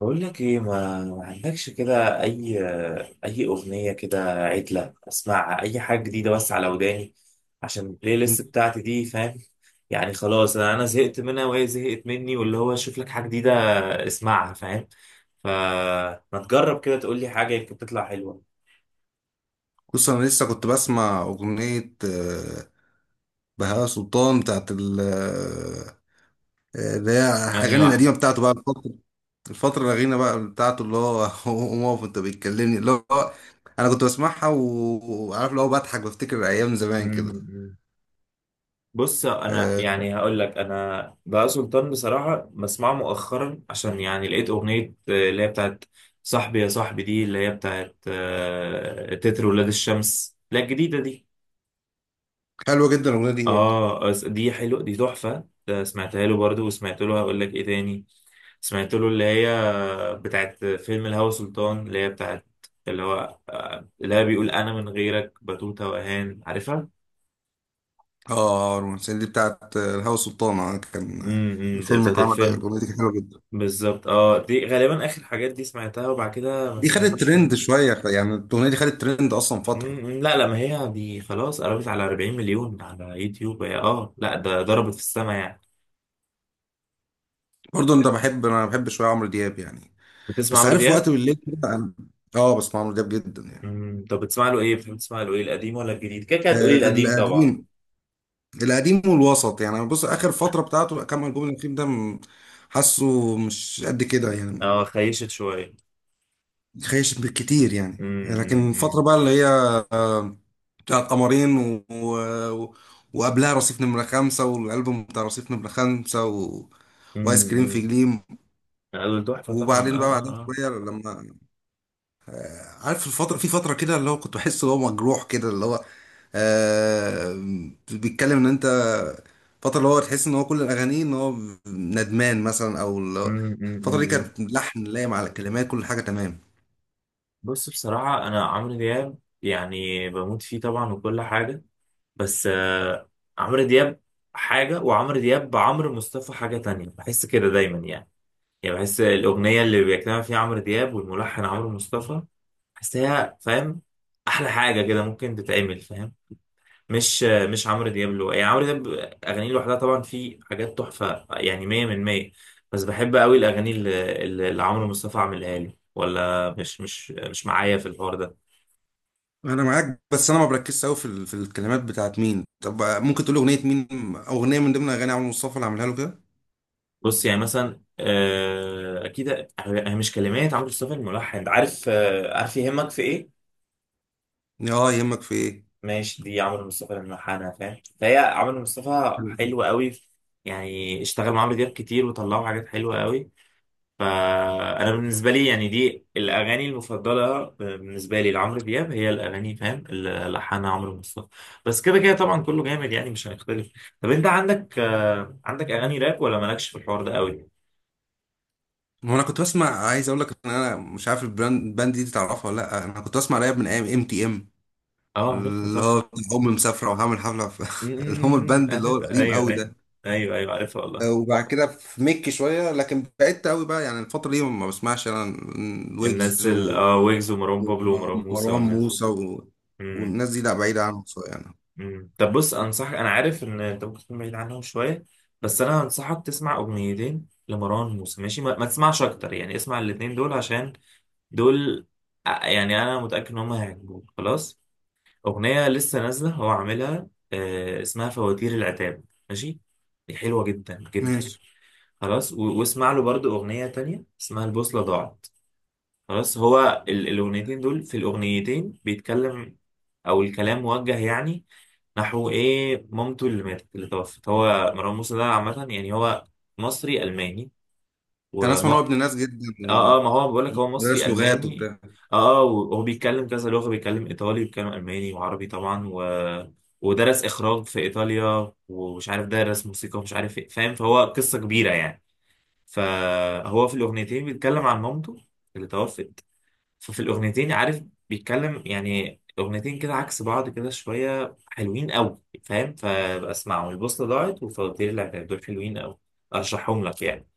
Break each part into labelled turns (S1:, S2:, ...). S1: بقول لك ايه، ما عندكش كده اي اغنيه كده عدله. اسمعها اي حاجه جديده بس على وداني، عشان البلاي ليست بتاعتي دي، فاهم؟ يعني خلاص انا زهقت منها وهي زهقت مني، واللي هو اشوف لك حاجه جديده اسمعها، فاهم؟ فما تجرب كده تقول لي حاجه، يمكن تطلع حلوه.
S2: بص، انا لسه كنت بسمع اغنيه بهاء سلطان، بتاعت ال آه، آه، اللي هي
S1: انهي
S2: اغاني القديمه بتاعته بقى الفتره الاخيره بقى بتاعته، اللي هو قوم اقف انت بتكلمني، اللي هو انا كنت بسمعها وعارف اللي هو بضحك، بفتكر ايام زمان كده
S1: واحده؟ بص، انا
S2: آه،
S1: يعني هقول لك، انا بقى سلطان بصراحه بسمعه مؤخرا، عشان يعني لقيت اغنيه اللي هي بتاعت صاحبي يا صاحبي، دي اللي هي بتاعت تتر ولاد الشمس، لا الجديده دي.
S2: حلوه جدا الاغنيه دي برضه.
S1: اه، دي حلوه، دي تحفه، ده سمعتها له برضو، وسمعت له هقول لك ايه تاني. سمعت له اللي هي بتاعت فيلم الهوى سلطان، اللي هي بتاعت اللي هو اللي هي بيقول انا من غيرك بتوته واهان، عارفها.
S2: اه، رومانسيه دي، بتاعت بهاء سلطان. كان الفيلم اللي
S1: بتاعت
S2: اتعمل ده،
S1: الفيلم.
S2: الاغنيه دي كانت حلوه جدا.
S1: بالظبط، اه، دي غالبا اخر حاجات دي سمعتها، وبعد كده ما
S2: دي خدت
S1: سمعتوش من.
S2: ترند شويه، يعني الاغنيه دي خدت ترند اصلا فتره.
S1: مم، لا لا، ما هي دي خلاص قربت على 40 مليون على يوتيوب، هي اه لا، ده ضربت في السما يعني.
S2: برضه انت بحب، انا بحب شويه عمرو دياب يعني.
S1: بتسمع
S2: بس
S1: عمرو
S2: عارف وقت
S1: دياب؟
S2: بالليل كده اه، بسمع عمرو دياب جدا يعني.
S1: مم، طب بتسمع له ايه؟ بتحب تسمع له ايه، القديم ولا الجديد؟ كده كده هتقولي
S2: آه،
S1: القديم طبعا.
S2: القديم. القديم والوسط، يعني أنا بص اخر فتره بتاعته كام البوم الاخير ده حاسه مش قد كده يعني.
S1: اه، خيشت شوية.
S2: خايش بالكتير يعني،
S1: مم، مم،
S2: لكن
S1: مم.
S2: الفتره بقى اللي هي بتاعت قمرين و... وقبلها رصيف نمرة 5، والألبوم بتاع رصيف نمرة 5
S1: مم،
S2: وآيس كريم في
S1: مم.
S2: جليم.
S1: لا، دول تحفة طبعا، اه
S2: وبعدين بقى
S1: اه
S2: بعدها
S1: اه.
S2: شوية لما عارف الفترة، في فترة كده اللي هو كنت بحس اللي هو مجروح كده، اللي هو آه بيتكلم ان انت، فترة اللي هو تحس ان هو كل الاغاني ان هو ندمان مثلا، او
S1: مم، مم،
S2: الفترة دي
S1: مم.
S2: كانت لحن لايم على الكلمات، كل حاجة تمام.
S1: بص بصراحة، انا عمرو دياب يعني بموت فيه طبعا، وكل حاجة. بس عمرو دياب حاجة، وعمرو دياب بعمرو مصطفى حاجة تانية، بحس كده دايما يعني. يعني بحس الأغنية اللي بيجتمع فيها عمرو دياب والملحن عمرو مصطفى، بحسها، فاهم؟ أحلى حاجة كده ممكن تتعمل، فاهم؟ مش مش عمرو دياب له، يعني عمرو دياب أغانيه لوحدها طبعا في حاجات تحفة يعني، مية من مية. بس بحب قوي الأغاني اللي عمرو مصطفى عاملها، لي ولا مش معايا في الحوار ده؟
S2: انا معاك، بس انا ما بركزش قوي في في الكلمات بتاعت مين. طب ممكن تقول اغنية مين، اغنية من ضمن اغاني عمرو مصطفى اللي عاملها له كده.
S1: بص، يعني مثلا اكيد. هي مش كلمات عمرو مصطفى الملحن، عارف عارف يهمك في ايه؟
S2: اه، يهمك في ايه.
S1: ماشي، دي عمرو مصطفى الملحنه، فاهم؟ فهي عمرو مصطفى حلو قوي. يعني اشتغل مع عمرو دياب كتير، وطلعوا حاجات حلوه قوي. فانا بالنسبه لي يعني دي الاغاني المفضله، بالنسبه لي لعمرو دياب، هي الاغاني، فاهم؟ اللي لحنها عمرو مصطفى. بس كده كده طبعا كله جامد يعني، مش هنختلف. طب انت عندك عندك اغاني راب ولا مالكش في الحوار ده قوي؟
S2: هو انا كنت بسمع، عايز اقول لك ان انا مش عارف البراند، الباند دي تعرفها ولا لا؟ انا كنت بسمع راب من ايام MTM،
S1: اه،
S2: اللي
S1: عرفتها.
S2: هو بتاع أمي مسافرة، وهعمل حفلة في اللي هم
S1: أمم،
S2: البند اللي هو
S1: عارف،
S2: القديم
S1: ايوه
S2: قوي
S1: ايوه.
S2: ده.
S1: ايوه ايوه، عارفها والله.
S2: وبعد كده في ميك شوية، لكن بعدت قوي بقى يعني. الفترة دي ما بسمعش أنا،
S1: الناس
S2: ويجز
S1: اه، ويجز ومروان بابلو ومروان موسى
S2: ومروان
S1: والناس.
S2: موسى
S1: امم.
S2: والناس دي، لا بعيدة عنهم شوية يعني.
S1: أمم. طب بص، انصحك انا عارف ان انت ممكن تكون بعيد عنهم شويه، بس انا انصحك تسمع اغنيتين لمروان موسى، ماشي، ما تسمعش اكتر يعني، اسمع الاتنين دول، عشان دول، يعني انا متاكد ان هم هيعجبوك خلاص. اغنيه لسه نازله هو عاملها، اسمها فواتير العتاب، ماشي. دي حلوه جدا جدا.
S2: ماشي.
S1: خلاص، واسمع له برضو اغنيه تانية اسمها البوصله ضاعت. خلاص، هو الاغنيتين دول، في الاغنيتين بيتكلم، او الكلام موجه يعني نحو ايه، مامته اللي ماتت، اللي توفت. هو مروان موسى ده عامه يعني هو مصري الماني،
S2: كان أسمع
S1: وما.
S2: إن هو ابن ناس جدا
S1: اه اه، ما هو بقول لك هو مصري
S2: ومدرس لغات
S1: الماني.
S2: وبتاع.
S1: اه اه، وهو بيتكلم كذا لغه، بيتكلم ايطالي، بيتكلم الماني وعربي طبعا و... ودرس اخراج في ايطاليا، ومش عارف درس موسيقى ومش عارف ايه، فاهم؟ فهو قصه كبيره يعني. فهو في الاغنيتين بيتكلم عن مامته اللي توفت. ففي الأغنيتين، عارف، بيتكلم يعني، أغنيتين كده عكس بعض كده، شوية حلوين أوي، فاهم؟ فبقى اسمعهم، البوصلة ضاعت وفواتير العتاب، دول حلوين أوي، أرشحهم لك يعني.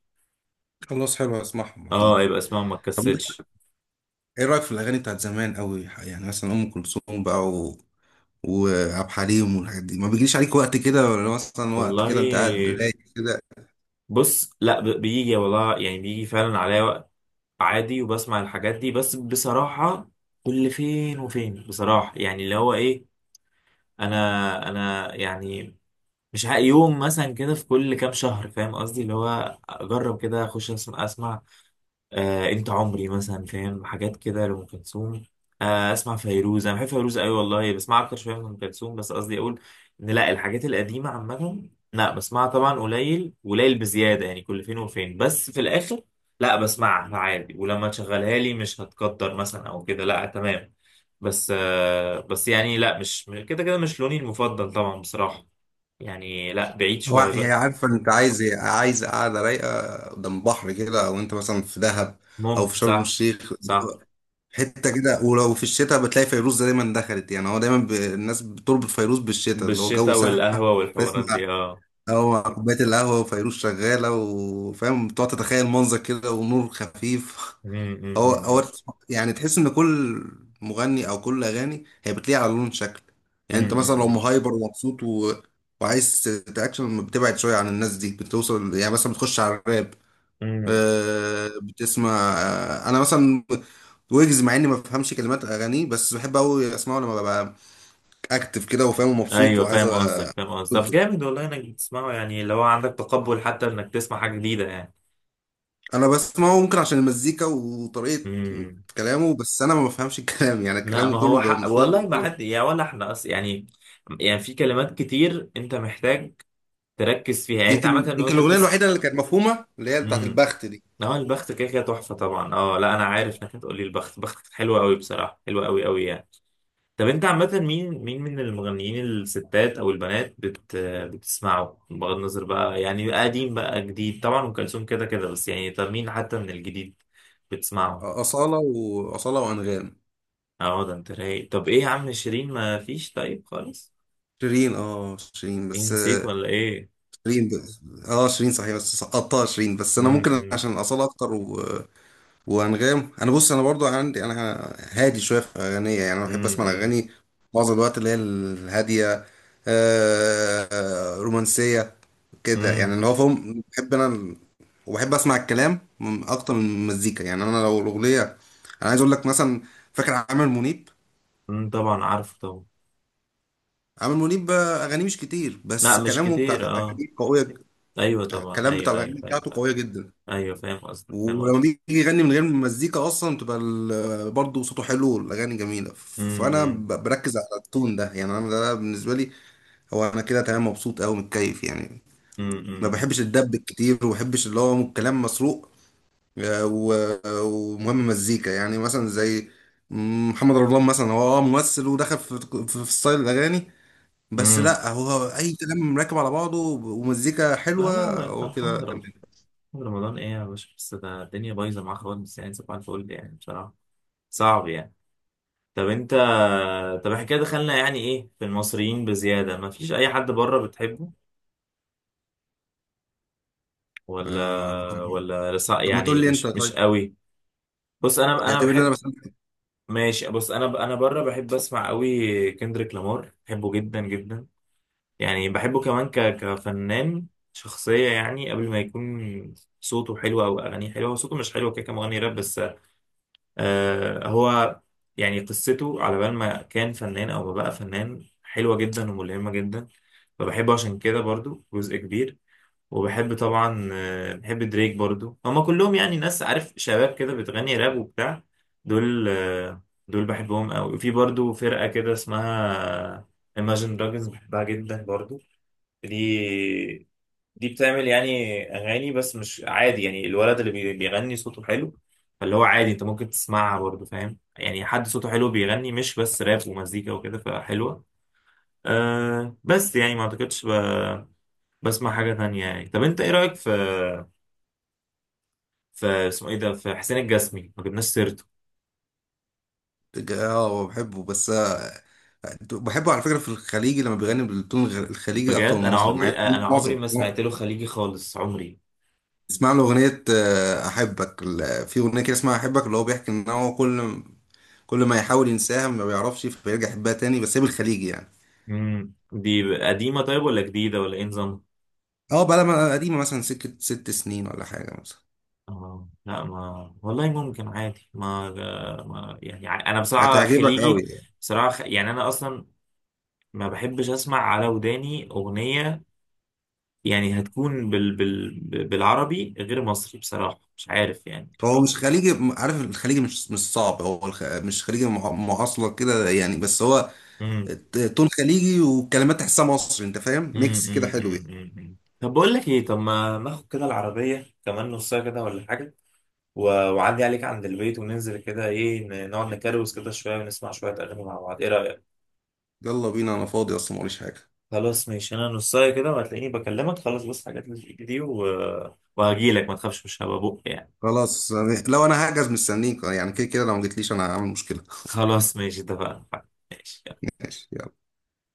S2: خلاص، حلو، هسمعهم
S1: اه،
S2: أكيد.
S1: يبقى اسمعهم، ما
S2: طب أنت،
S1: تكسلش.
S2: إيه رأيك في الأغاني بتاعت زمان قوي، يعني مثلا أم كلثوم بقى وعبد الحليم والحاجات دي؟ ما بيجيش عليك وقت كده؟ ولا مثلا وقت كده أنت قاعد
S1: والله،
S2: رايق؟
S1: بص لا، بيجي والله، يعني بيجي فعلا عليا وقت عادي وبسمع الحاجات دي، بس بصراحة كل فين وفين، بصراحة يعني اللي هو إيه، أنا يعني مش يوم مثلا كده في كل كام شهر، فاهم قصدي؟ اللي هو أجرب كده، أخش أسمع أسمع. انت عمري مثلا، فاهم، حاجات كده لأم كلثوم. اسمع فيروز، انا بحب فيروز قوي والله، بسمع اكتر شويه من ام كلثوم، بس قصدي اقول ان لا، الحاجات القديمه عامه لا بسمعها طبعا قليل قليل بزياده يعني، كل فين وفين، بس في الاخر لا بسمعها عادي، ولما تشغلها لي مش هتقدر مثلا او كده، لا تمام. بس بس يعني لا، مش كده كده مش لوني المفضل طبعا بصراحه، يعني لا، بعيد
S2: هو
S1: شويه
S2: هي
S1: بقى.
S2: عارفة انت عايز ايه؟ عايز قاعدة رايقة قدام بحر كده، او انت مثلا في دهب او في
S1: ممكن،
S2: شرم
S1: صح.
S2: الشيخ،
S1: صح.
S2: حتة كده. ولو في الشتاء بتلاقي فيروز دايما دخلت، يعني هو دايما الناس بتربط فيروز بالشتاء، اللي هو جو
S1: بالشتاء
S2: ساقع.
S1: والقهوه والحوارات
S2: تسمع،
S1: دي، اه.
S2: هو كوباية القهوة وفيروز شغالة، وفاهم بتقعد تتخيل منظر كده، ونور خفيف. هو
S1: امم.
S2: هو يعني، تحس ان كل مغني او كل اغاني هي بتليق على لون شكل. يعني انت مثلا لو
S1: امم.
S2: مهايبر ومبسوط وعايز تاكشن، بتبعد شويه عن الناس دي، بتوصل يعني مثلا بتخش على الراب.
S1: امم.
S2: بتسمع. انا مثلا ويجز، مع اني ما بفهمش كلمات اغانيه، بس بحب قوي اسمعه لما ببقى اكتف كده، وفاهم ومبسوط
S1: ايوه
S2: وعايز
S1: فاهم قصدك، فاهم قصدك. طب جامد والله انك تسمعه، يعني لو عندك تقبل حتى انك تسمع حاجه جديده يعني.
S2: انا بسمعه ممكن عشان المزيكا وطريقه
S1: امم.
S2: كلامه، بس انا ما بفهمش الكلام، يعني
S1: لا،
S2: كلامه
S1: ما
S2: كله
S1: هو
S2: بيبقى
S1: حق والله،
S2: متلخبط
S1: ما
S2: كده.
S1: حد يعني ولا احنا اصلا يعني، يعني في كلمات كتير انت محتاج تركز فيها يعني، انت
S2: يمكن
S1: عامه
S2: يمكن
S1: وانت
S2: الاغنيه
S1: بتسمع.
S2: الوحيده اللي كانت مفهومه اللي هي بتاعت
S1: امم.
S2: البخت دي.
S1: هو البخت كده كده تحفه طبعا، اه لا، انا عارف انك هتقولي البخت، بختك حلوه قوي بصراحه، حلوه قوي قوي يعني. طب انت عامة، مين، مين من المغنيين الستات او البنات بتسمعه، بغض النظر بقى يعني، قديم بقى جديد؟ طبعا ام كلثوم كده كده، بس يعني طب مين حتى من الجديد بتسمعه؟
S2: اصاله، وانغام.
S1: اه، ده انت رايق. طب ايه يا عم، شيرين ما فيش طيب خالص؟
S2: شيرين، اه شيرين،
S1: ايه،
S2: بس
S1: نسيت ولا ايه؟
S2: شيرين اه شيرين، صحيح، بس سقطتها شيرين. بس انا
S1: امم
S2: ممكن
S1: امم
S2: عشان اصاله اكتر وانغام. انا بص، انا برضو عندي انا هادي شويه في اغانيه. يعني انا بحب اسمع
S1: امم
S2: الاغاني معظم الوقت اللي هي الهاديه، رومانسيه
S1: امم،
S2: كده يعني،
S1: إمم،
S2: اللي هو فاهم، بحب انا وبحب اسمع الكلام اكتر من المزيكا. يعني انا لو الاغنيه، انا عايز اقول لك مثلا، فاكر عامر منيب؟
S1: إمم، طبعا عارف طبعا.
S2: عامر منيب اغانيه مش كتير،
S1: لا
S2: بس
S1: مش
S2: كلامه بتاعت
S1: كتير، اه.
S2: الاغاني قويه
S1: ايوه طبعا،
S2: الكلام بتاع
S1: ايوه ايوه
S2: الاغاني
S1: ايوه
S2: بتاعته
S1: ايوه،
S2: قويه جدا.
S1: أيوة فاهم قصدك، فاهم
S2: ولما
S1: قصدك.
S2: بيجي يغني من غير مزيكا اصلا تبقى برضه صوته حلو والاغاني جميله. فانا
S1: امم
S2: بركز على التون ده. يعني انا ده بالنسبه لي، هو انا كده تمام مبسوط قوي، متكيف يعني.
S1: امم
S2: ما
S1: امم
S2: بحبش الدب كتير، وما بحبش اللي هو كلام مسروق ومهم مزيكا. يعني مثلا زي محمد رمضان مثلا، هو اه ممثل ودخل في ستايل الاغاني، بس
S1: امم.
S2: لا، هو اي كلام راكب على بعضه ومزيكا
S1: لا لا
S2: حلوه،
S1: لا، انت
S2: هو كده
S1: محمد
S2: تمام.
S1: رمضان ايه يا باشا؟ بس ده الدنيا بايظه معاه خالص يعني، صباح الفل يعني بصراحه، صعب يعني. طب انت، طب احنا كده دخلنا يعني ايه، في المصريين بزياده. ما فيش اي حد بره بتحبه ولا؟
S2: آه،
S1: ولا
S2: طب ما تقول
S1: يعني
S2: لي انت
S1: مش
S2: طيب،
S1: قوي. بص، انا
S2: يعتبر ان انا
S1: بحب.
S2: بسمع.
S1: ماشي بص، انا بره بحب اسمع قوي، كندريك لامار بحبه جدا جدا، يعني بحبه كمان كفنان، شخصيه يعني، قبل ما يكون صوته حلو او اغانيه حلوه، هو صوته مش حلو كده كمغني راب بس. هو يعني قصته على بال ما كان فنان او ما بقى فنان حلوة جدا وملهمة جدا، فبحبه عشان كده برضو جزء كبير. وبحب طبعا، بحب دريك برضو، هما كلهم يعني ناس عارف شباب كده بتغني راب وبتاع، دول، دول بحبهم قوي. وفي برضو فرقة كده اسمها Imagine Dragons، بحبها جدا برضو. دي دي بتعمل يعني اغاني بس مش عادي، يعني الولد اللي بيغني صوته حلو، فاللي هو عادي انت ممكن تسمعها برضه، فاهم؟ يعني حد صوته حلو بيغني مش بس راب ومزيكا وكده، فحلوه. أه بس يعني ما اعتقدش بسمع حاجه تانية يعني. طب انت ايه رايك في اسمه ايه ده، في حسين الجسمي، ما جبناش سيرته؟
S2: اه هو بحبه، بس بحبه على فكرة في الخليجي لما بيغني بالتون الخليجي أكتر من
S1: بجد، انا
S2: المصري،
S1: عمري
S2: مع إنه
S1: انا عمري
S2: معظم
S1: ما
S2: لا.
S1: سمعت له خليجي خالص، عمري.
S2: اسمع له أغنية أحبك، في أغنية كده اسمها أحبك، اللي هو بيحكي إن هو كل كل ما يحاول ينساها ما بيعرفش، فبيرجع يحبها تاني، بس هي بالخليجي يعني.
S1: امم، دي قديمه طيب ولا جديده ولا ايه نظامها؟
S2: اه، بقى لما قديمة مثلا سكة 6 سنين ولا حاجة مثلا،
S1: اه لا، ما والله ممكن عادي، ما يعني انا بصراحه
S2: هتعجبك أوي
S1: خليجي.
S2: يعني.
S1: بصراحه يعني انا اصلا ما بحبش اسمع على وداني اغنيه، يعني هتكون بالعربي غير مصري بصراحه، مش عارف يعني.
S2: هو مش خليجي، عارف الخليجي مش مش صعب، هو مش خليجي معاصلة كده يعني، بس هو
S1: امم
S2: تون خليجي والكلمات تحسها مصري، انت فاهم، ميكس كده حلو يعني.
S1: طب بقول لك ايه، طب ما ناخد كده العربيه كمان نص ساعه كده ولا حاجه، وعدي عليك عند البيت وننزل كده ايه، نقعد نكروز كده شويه ونسمع شويه اغاني مع بعض، ايه رايك؟
S2: يلا بينا، انا فاضي اصلا، موريش حاجه.
S1: خلاص ماشي، انا نصايه كده وهتلاقيني بكلمك خلاص، بس حاجات اللي في ايدي دي، وهجيلك، ما تخافش مش هبقى بق يعني.
S2: خلاص، يعني لو انا هحجز مستنيك، يعني كده كده لو ما جيتليش انا هعمل مشكله.
S1: خلاص ماشي، اتفقنا. ماشي.
S2: ماشي، يلا.